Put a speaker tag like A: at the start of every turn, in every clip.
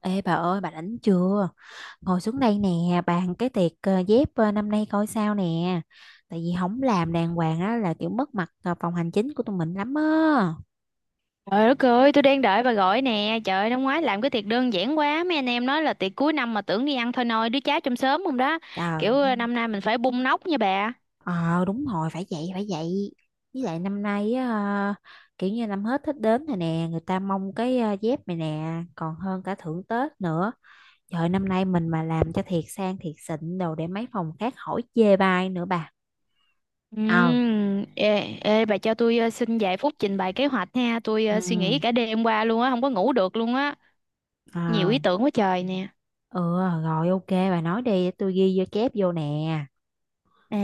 A: Ê bà ơi, bà rảnh chưa? Ngồi xuống đây nè, bàn cái tiệc dép năm nay coi sao nè. Tại vì không làm đàng hoàng á là kiểu mất mặt phòng hành chính của tụi mình lắm á.
B: Trời đất ơi, tôi đang đợi bà gọi nè. Trời ơi, năm ngoái làm cái tiệc đơn giản quá. Mấy anh em nói là tiệc cuối năm mà tưởng đi ăn thôi nôi, đứa cháu trong xóm không đó.
A: Trời.
B: Kiểu năm nay mình phải bung nóc nha bà.
A: Ờ, đúng rồi, phải vậy phải vậy. Với lại năm nay á, ờ, kiểu như năm hết Tết đến rồi nè. Người ta mong cái dép này nè còn hơn cả thưởng Tết nữa. Trời, năm nay mình mà làm cho thiệt sang thiệt xịn đồ để mấy phòng khác hỏi chê bai nữa bà. Ờ.
B: Ê, ê, bà cho tôi xin vài phút trình bày kế hoạch nha. Tôi suy nghĩ
A: Ừ.
B: cả đêm qua luôn á, không có ngủ được luôn á. Nhiều ý
A: Ờ.
B: tưởng quá trời nè.
A: Ừ, rồi ok, bà nói đi để tôi ghi vô chép vô nè.
B: À,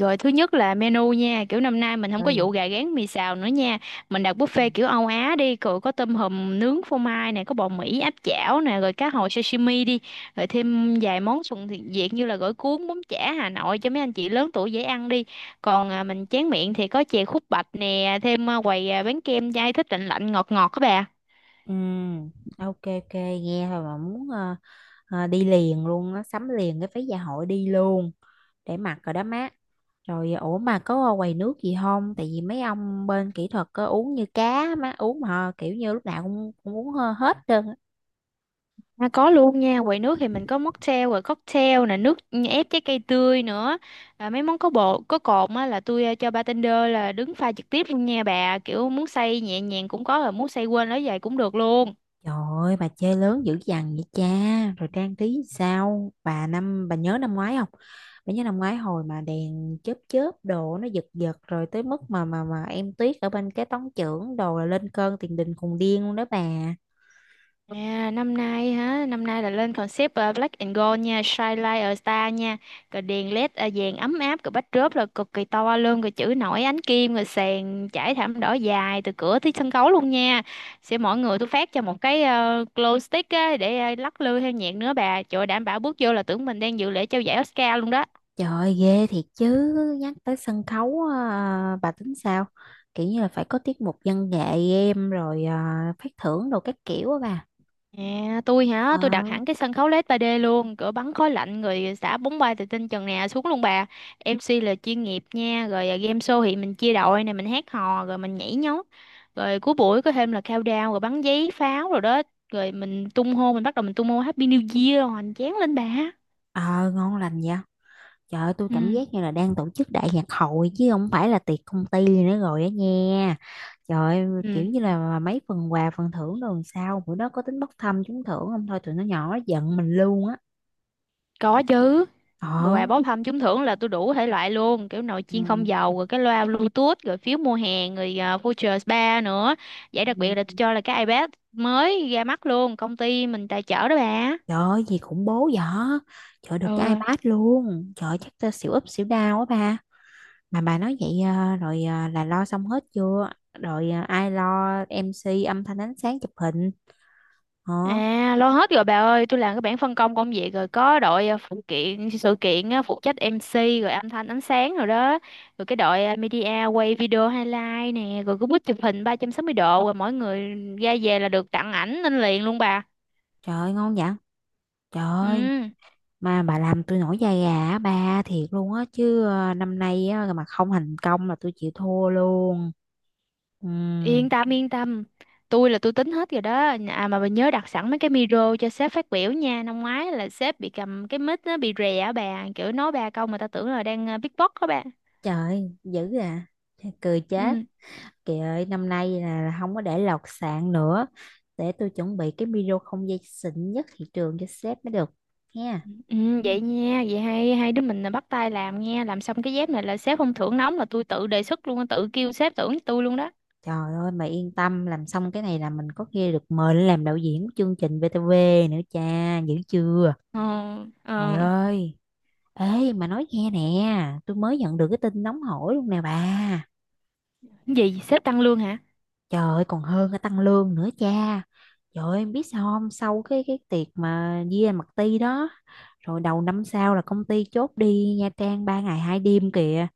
B: rồi thứ nhất là menu nha, kiểu năm nay mình không có
A: Ừ.
B: vụ gà rán mì xào nữa nha. Mình đặt buffet kiểu Âu Á đi, rồi có tôm hùm nướng phô mai nè, có bò Mỹ áp chảo nè, rồi cá hồi sashimi đi, rồi thêm vài món thuần thiện Việt như là gỏi cuốn, bún chả Hà Nội cho mấy anh chị lớn tuổi dễ ăn đi. Còn mình chén miệng thì có chè khúc bạch nè, thêm quầy bán kem dai thích lạnh lạnh ngọt ngọt các bà.
A: Ừ. Ok, ok, nghe thôi mà muốn đi liền luôn á, sắm liền cái phí dạ hội đi luôn để mặc rồi đó má. Rồi ủa, mà có quầy nước gì không? Tại vì mấy ông bên kỹ thuật có uống như cá má uống mà kiểu như lúc nào cũng uống hết trơn.
B: À, có luôn nha, quầy nước thì mình có mocktail rồi cocktail nè, nước ép trái cây tươi nữa. À, mấy món có bột, có cồn á là tôi cho bartender là đứng pha trực tiếp luôn nha bà, kiểu muốn xay nhẹ nhàng cũng có rồi muốn xay quên lấy vậy cũng được luôn.
A: Trời ơi, bà chơi lớn dữ dằn vậy cha. Rồi trang trí sao? Bà nhớ năm ngoái không? Bà nhớ năm ngoái hồi mà đèn chớp chớp đồ nó giật giật rồi tới mức mà em Tuyết ở bên cái tống trưởng đồ là lên cơn tiền đình khùng điên luôn đó bà.
B: À, năm nay hả? Năm nay là lên concept Black and Gold nha, Shine Like a Star nha. Rồi đèn LED vàng ấm áp, rồi backdrop là cực kỳ to luôn, rồi chữ nổi ánh kim, rồi sàn trải thảm đỏ dài từ cửa tới sân khấu luôn nha. Sẽ mỗi người tôi phát cho một cái glow stick á, để lắc lư theo nhạc nữa bà. Trời ơi, đảm bảo bước vô là tưởng mình đang dự lễ trao giải Oscar luôn đó.
A: Trời ơi, ghê thiệt chứ, nhắc tới sân khấu à, bà tính sao? Kiểu như là phải có tiết mục văn nghệ em rồi à, phát thưởng đồ các kiểu á bà.
B: À, tôi hả?
A: Ờ,
B: Tôi đặt hẳn cái sân khấu LED 3D luôn, cửa bắn khói lạnh người xả bóng bay từ trên trần nè xuống luôn bà. MC là chuyên nghiệp nha, rồi game show thì mình chia đội này mình hát hò rồi mình nhảy nhót. Rồi cuối buổi có thêm là countdown rồi bắn giấy pháo rồi đó. Rồi mình tung hô mình bắt đầu mình tung hô Happy New Year rồi hoành tráng lên bà.
A: ờ ngon lành vậy. Trời ơi, tôi
B: Ừ.
A: cảm giác như là đang tổ chức đại nhạc hội chứ không phải là tiệc công ty nữa rồi á nha. Trời ơi, kiểu
B: Ừ,
A: như là mấy phần quà phần thưởng rồi làm sao bữa đó có tính bốc thăm trúng thưởng không, thôi tụi nó nhỏ nó giận mình luôn á.
B: có chứ.
A: Ờ.
B: Quà bốc thăm trúng thưởng là tôi đủ thể loại luôn, kiểu nồi chiên không dầu rồi cái loa Bluetooth rồi phiếu mua hàng rồi voucher spa nữa. Giải đặc biệt là tôi
A: Ừ.
B: cho là cái iPad mới ra mắt luôn, công ty mình tài trợ đó bà.
A: Trời ơi, gì khủng bố vậy? Trời ơi, được cái
B: Ừ.
A: iPad luôn. Trời ơi, chắc tôi xỉu úp xỉu đau á ba. Mà bà nói vậy à, rồi à, là lo xong hết chưa? Rồi à, ai lo em MC âm thanh ánh sáng chụp hình? Hả?
B: À, lo hết rồi bà ơi, tôi làm cái bảng phân công công việc rồi, có đội phụ kiện sự kiện á, phụ trách MC rồi âm thanh ánh sáng rồi đó, rồi cái đội media quay video highlight nè, rồi cái bút chụp hình 360 độ, rồi mỗi người ra về là được tặng ảnh lên liền luôn bà.
A: Trời ơi, ngon vậy? Trời ơi,
B: Ừ.
A: mà bà làm tôi nổi da gà á ba thiệt luôn á chứ năm nay á mà không thành công là tôi chịu thua luôn. Ừ.
B: Yên tâm yên tâm. Tôi là tôi tính hết rồi đó. À mà bà nhớ đặt sẵn mấy cái micro cho sếp phát biểu nha. Năm ngoái là sếp bị cầm cái mic nó bị rè á bà. Kiểu nói ba câu mà ta tưởng là đang beatbox đó bà.
A: Trời, dữ à. Thôi. Cười chết.
B: Ừ.
A: Kìa ơi, năm nay là không có để lọt sàn nữa. Để tôi chuẩn bị cái video không dây xịn nhất thị trường cho sếp mới được. Nha.
B: Ừ. Ừ. Vậy nha. Vậy hai hai đứa mình là bắt tay làm nha. Làm xong cái dép này là sếp không thưởng nóng là tôi tự đề xuất luôn, tự kêu sếp thưởng tôi luôn đó.
A: Trời ơi, mà yên tâm, làm xong cái này là mình có khi được mời lên làm đạo diễn của chương trình VTV nữa cha, dữ chưa?
B: Ờ.
A: Trời
B: Ờ.
A: ơi. Ê, mà nói nghe nè. Tôi mới nhận được cái tin nóng hổi luôn nè bà.
B: Gì? Sếp tăng lương hả?
A: Trời ơi, còn hơn cả tăng lương nữa cha. Trời ơi, em biết sao không? Sau cái tiệc mà Via mặt ti đó. Rồi đầu năm sau là công ty chốt đi Nha Trang 3 ngày 2 đêm kìa.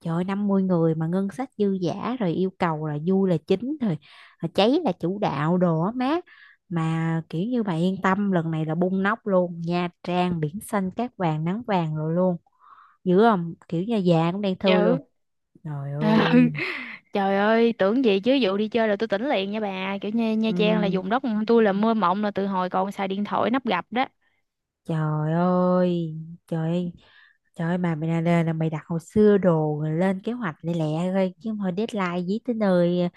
A: Trời ơi, 50 người mà ngân sách dư dả. Rồi yêu cầu là vui là chính. Rồi rồi cháy là chủ đạo đồ á má. Mà kiểu như bà yên tâm, lần này là bung nóc luôn. Nha Trang biển xanh cát vàng nắng vàng rồi luôn. Dữ không, kiểu như già cũng đang thui
B: Dạ.
A: luôn. Trời
B: Ừ.
A: ơi.
B: Trời ơi, tưởng gì chứ vụ đi chơi là tôi tỉnh liền nha bà. Kiểu như Nha Trang là
A: Ừm,
B: vùng đất tôi là mơ mộng là từ hồi còn xài điện thoại nắp gập đó.
A: Trời ơi. Trời ơi. Trời ơi, mà mày là mày đặt hồi xưa đồ rồi lên kế hoạch lẹ lẹ thôi chứ, thôi deadline dí tới nơi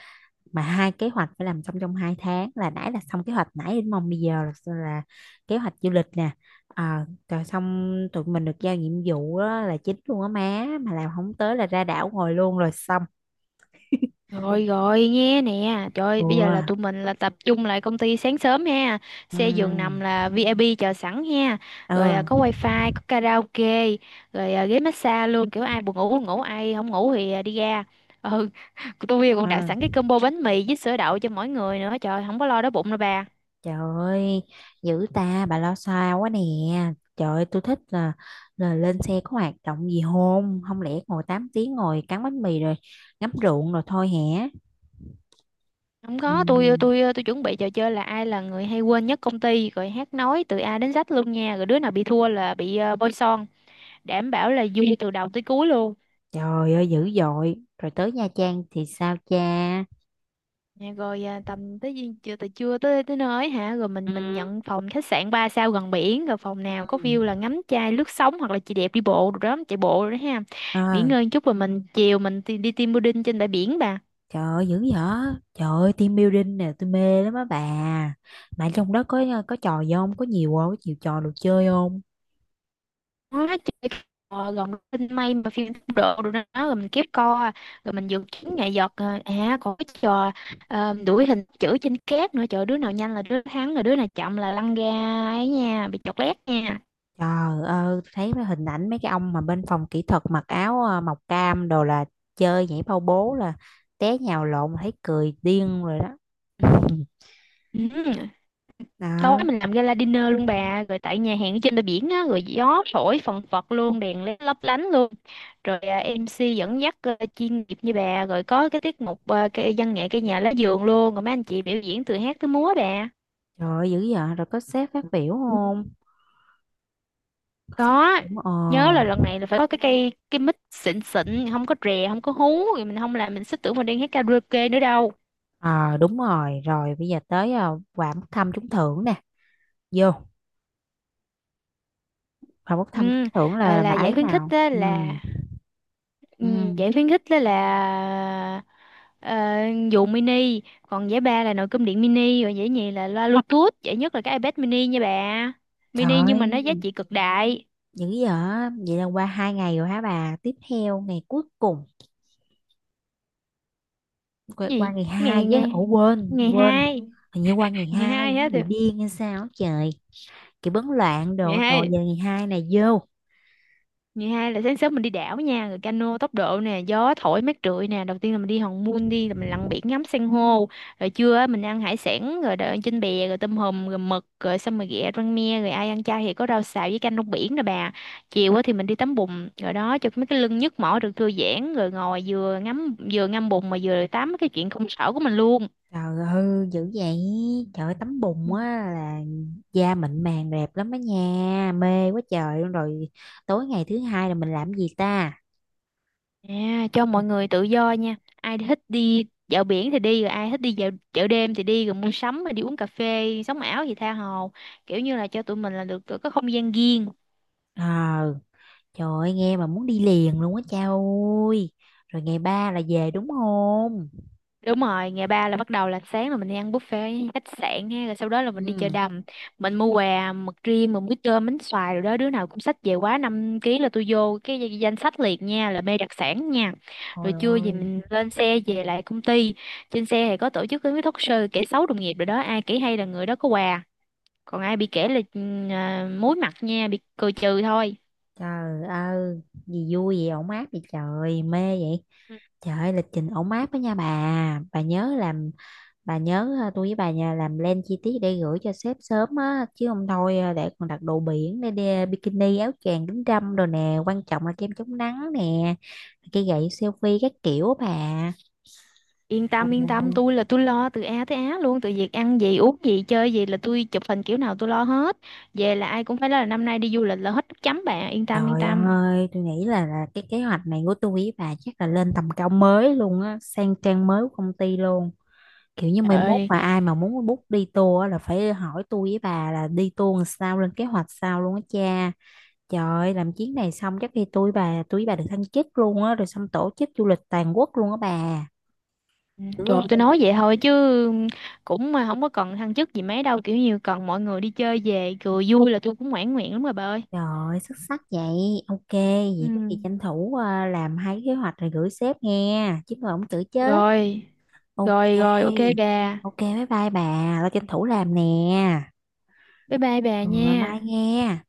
A: mà hai kế hoạch phải làm xong trong 2 tháng, là nãy là xong kế hoạch nãy đến mong bây giờ là kế hoạch du lịch nè, à rồi xong tụi mình được giao nhiệm vụ á, là chính luôn á má mà làm không tới là ra đảo ngồi luôn rồi xong.
B: Rồi rồi, nghe nè. Trời
A: Ừ.
B: ơi, bây giờ là tụi mình là tập trung lại công ty sáng sớm ha. Xe giường nằm
A: Ừ.
B: là VIP chờ sẵn ha. Rồi có wifi, có karaoke, rồi ghế massage luôn. Kiểu ai buồn ngủ ngủ, ai không ngủ thì đi ra. Ừ, tôi
A: Ừ.
B: còn đặt sẵn cái combo bánh mì với sữa đậu cho mỗi người nữa. Trời, không có lo đói bụng đâu bà.
A: Trời ơi, dữ ta, bà lo xa quá nè. Trời ơi, tôi thích là lên xe có hoạt động gì hôn, không lẽ ngồi 8 tiếng ngồi cắn bánh mì rồi ngắm ruộng rồi thôi hả?
B: Không
A: Ừ.
B: có, tôi chuẩn bị trò chơi là ai là người hay quên nhất công ty rồi hát nói từ A đến Z luôn nha, rồi đứa nào bị thua là bị bôi son, đảm bảo là vui từ đầu tới cuối luôn.
A: Trời ơi, dữ dội. Rồi tới Nha Trang thì sao cha?
B: Nha, rồi chưa, từ trưa tới tới nơi hả, rồi
A: Ừ.
B: mình nhận phòng khách sạn 3 sao gần biển, rồi phòng nào
A: Ừ.
B: có view là ngắm chai lướt sóng hoặc là chị đẹp đi bộ rồi đó, chạy bộ rồi đó ha.
A: Ờ.
B: Nghỉ ngơi một chút rồi mình chiều mình đi team building trên bãi biển bà.
A: Trời ơi, dữ dở. Trời ơi, team building nè, tôi mê lắm á bà. Mà trong đó có trò gì không? Có nhiều không? Có nhiều trò đồ chơi không?
B: Nó chỉ gần tinh may mà phim độ rồi đó, rồi mình kiếp co, rồi mình dự kiến nghệ thuật còn cái trò đuổi hình chữ trên cát nữa. Trời, đứa nào nhanh là đứa thắng, rồi đứa nào chậm là lăn ra ấy nha, bị chọt lét nha.
A: Trời ơi, thấy mấy hình ảnh mấy cái ông mà bên phòng kỹ thuật mặc áo màu cam đồ là chơi nhảy bao bố là té nhào lộn thấy cười điên rồi đó.
B: Ừ. Tối
A: Đó,
B: mình làm gala dinner luôn bà, rồi tại nhà hàng ở trên bờ biển á, rồi gió thổi phần phật luôn, đèn led lấp lánh luôn, rồi MC dẫn dắt chuyên nghiệp như bà, rồi có cái tiết mục cái văn nghệ cây nhà lá vườn luôn, rồi mấy anh chị biểu diễn từ hát tới múa bà.
A: trời ơi, dữ vậy rồi có sếp phát biểu không? Có sếp
B: Có
A: đúng ờ.
B: nhớ là lần này là phải có cái cây cái mic xịn xịn, không có rè, không có hú, rồi mình không làm mình sẽ tưởng mình đang hát karaoke nữa đâu.
A: Ờ, đúng rồi, rồi bây giờ tới quà bốc thăm trúng thưởng nè. Vô, quà bốc thăm
B: Ừ,
A: trúng thưởng là, là
B: là
A: bà
B: giải
A: ấy
B: khuyến khích
A: nào?
B: á
A: Ừ.
B: là. Ừ,
A: Ừ.
B: giải khuyến khích á là ờ, dù mini, còn giải ba là nồi cơm điện mini, rồi giải nhì là loa Bluetooth, giải nhất là cái iPad mini nha bà.
A: Trời
B: Mini nhưng mà nó giá
A: ơi,
B: trị cực đại.
A: dữ vậy. Vậy là qua 2 ngày rồi hả bà? Tiếp theo ngày cuối cùng, qua
B: Gì?
A: ngày 2
B: Ngày
A: chứ,
B: ngày
A: ủa, quên
B: ngày
A: quên,
B: hai,
A: hình như qua ngày
B: ngày
A: 2
B: hai
A: nó
B: hết
A: bị
B: rồi,
A: điên hay sao á trời, kiểu bấn loạn
B: ngày
A: đồ rồi,
B: hai
A: giờ ngày 2 này vô.
B: ngày hai là sáng sớm mình đi đảo nha, rồi cano tốc độ nè, gió thổi mát rượi nè. Đầu tiên là mình đi Hòn Mun, đi là mình lặn biển ngắm san hô, rồi trưa á mình ăn hải sản rồi đợi trên bè, rồi tôm hùm, rồi mực, rồi xong rồi ghẹ rang me, rồi ai ăn chay thì có rau xào với canh rong biển nè bà. Chiều á thì mình đi tắm bùn rồi đó, cho mấy cái lưng nhức mỏi được thư giãn, rồi ngồi vừa ngắm vừa ngâm bùn mà vừa tám cái chuyện công sở của mình luôn.
A: Trời ơi, dữ vậy. Trời ơi, tắm bùn á là da mịn màng đẹp lắm á nha, mê quá trời luôn. Rồi tối ngày thứ hai là mình làm gì ta?
B: À, cho mọi người tự do nha. Ai thích đi dạo biển thì đi, rồi ai thích đi dạo chợ đêm thì đi, rồi mua sắm rồi đi uống cà phê, sống ảo thì tha hồ. Kiểu như là cho tụi mình là được có không gian riêng.
A: Ờ. Trời ơi, nghe mà muốn đi liền luôn á cha ơi. Rồi ngày 3 là về đúng không?
B: Đúng rồi, ngày ba là bắt đầu là sáng là mình đi ăn buffet ở khách sạn ha, rồi sau đó là mình đi chợ
A: Ừ.
B: đầm, mình mua quà mực riêng, mình muối cơm, bánh xoài rồi đó, đứa nào cũng xách về quá 5 ký là tôi vô cái danh danh sách liệt nha, là mê đặc sản nha.
A: Ôi
B: Rồi trưa thì
A: ơi,
B: mình lên xe về lại công ty, trên xe thì có tổ chức cái talk show kể xấu đồng nghiệp rồi đó, ai kể hay là người đó có quà, còn ai bị kể là muối mặt nha, bị cười trừ thôi.
A: trời ơi, gì vui vậy, ổn áp vậy, trời mê vậy.
B: Ừ.
A: Trời ơi, lịch trình ổn áp đó nha bà. Bà nhớ làm Bà nhớ tôi với bà nhà làm plan chi tiết để gửi cho sếp sớm á, chứ không thôi để còn đặt đồ biển, bikini áo choàng kính râm rồi nè, quan trọng là kem chống nắng nè, cái gậy selfie các kiểu á bà.
B: Yên
A: Ồ,
B: tâm yên tâm, tôi là tôi lo từ A tới Á luôn, từ việc ăn gì uống gì chơi gì là tôi chụp hình kiểu nào tôi lo hết. Về là ai cũng phải nói là năm nay đi du lịch là hết nước chấm bạn. Yên tâm yên
A: trời
B: tâm.
A: ơi, tôi nghĩ là cái kế hoạch này của tôi với bà chắc là lên tầm cao mới luôn á, sang trang mới của công ty luôn. Kiểu như
B: Trời
A: mai mốt
B: ơi.
A: mà ai mà muốn book đi tour á là phải hỏi tôi với bà là đi tour làm sao, lên kế hoạch sao luôn á cha. Trời ơi, làm chuyến này xong chắc khi tôi với bà được thăng chức luôn á, rồi xong tổ chức du lịch toàn quốc luôn á bà.
B: Ừ,
A: Dữ
B: trời tôi
A: không?
B: nói vậy thôi chứ cũng mà không có cần thăng chức gì mấy đâu, kiểu như cần mọi người đi chơi về cười vui là tôi cũng mãn nguyện lắm rồi bà ơi.
A: Trời ơi, xuất sắc vậy. Ok,
B: Ừ.
A: vậy có gì tranh thủ à, làm hai cái kế hoạch rồi gửi sếp nghe chứ mà không tự chứ.
B: Rồi rồi
A: Ok,
B: rồi, ok bà.
A: ok, bye bye bà, tao tranh thủ làm nè.
B: Bye bye bà
A: Ừ,
B: nha.
A: bye nghe.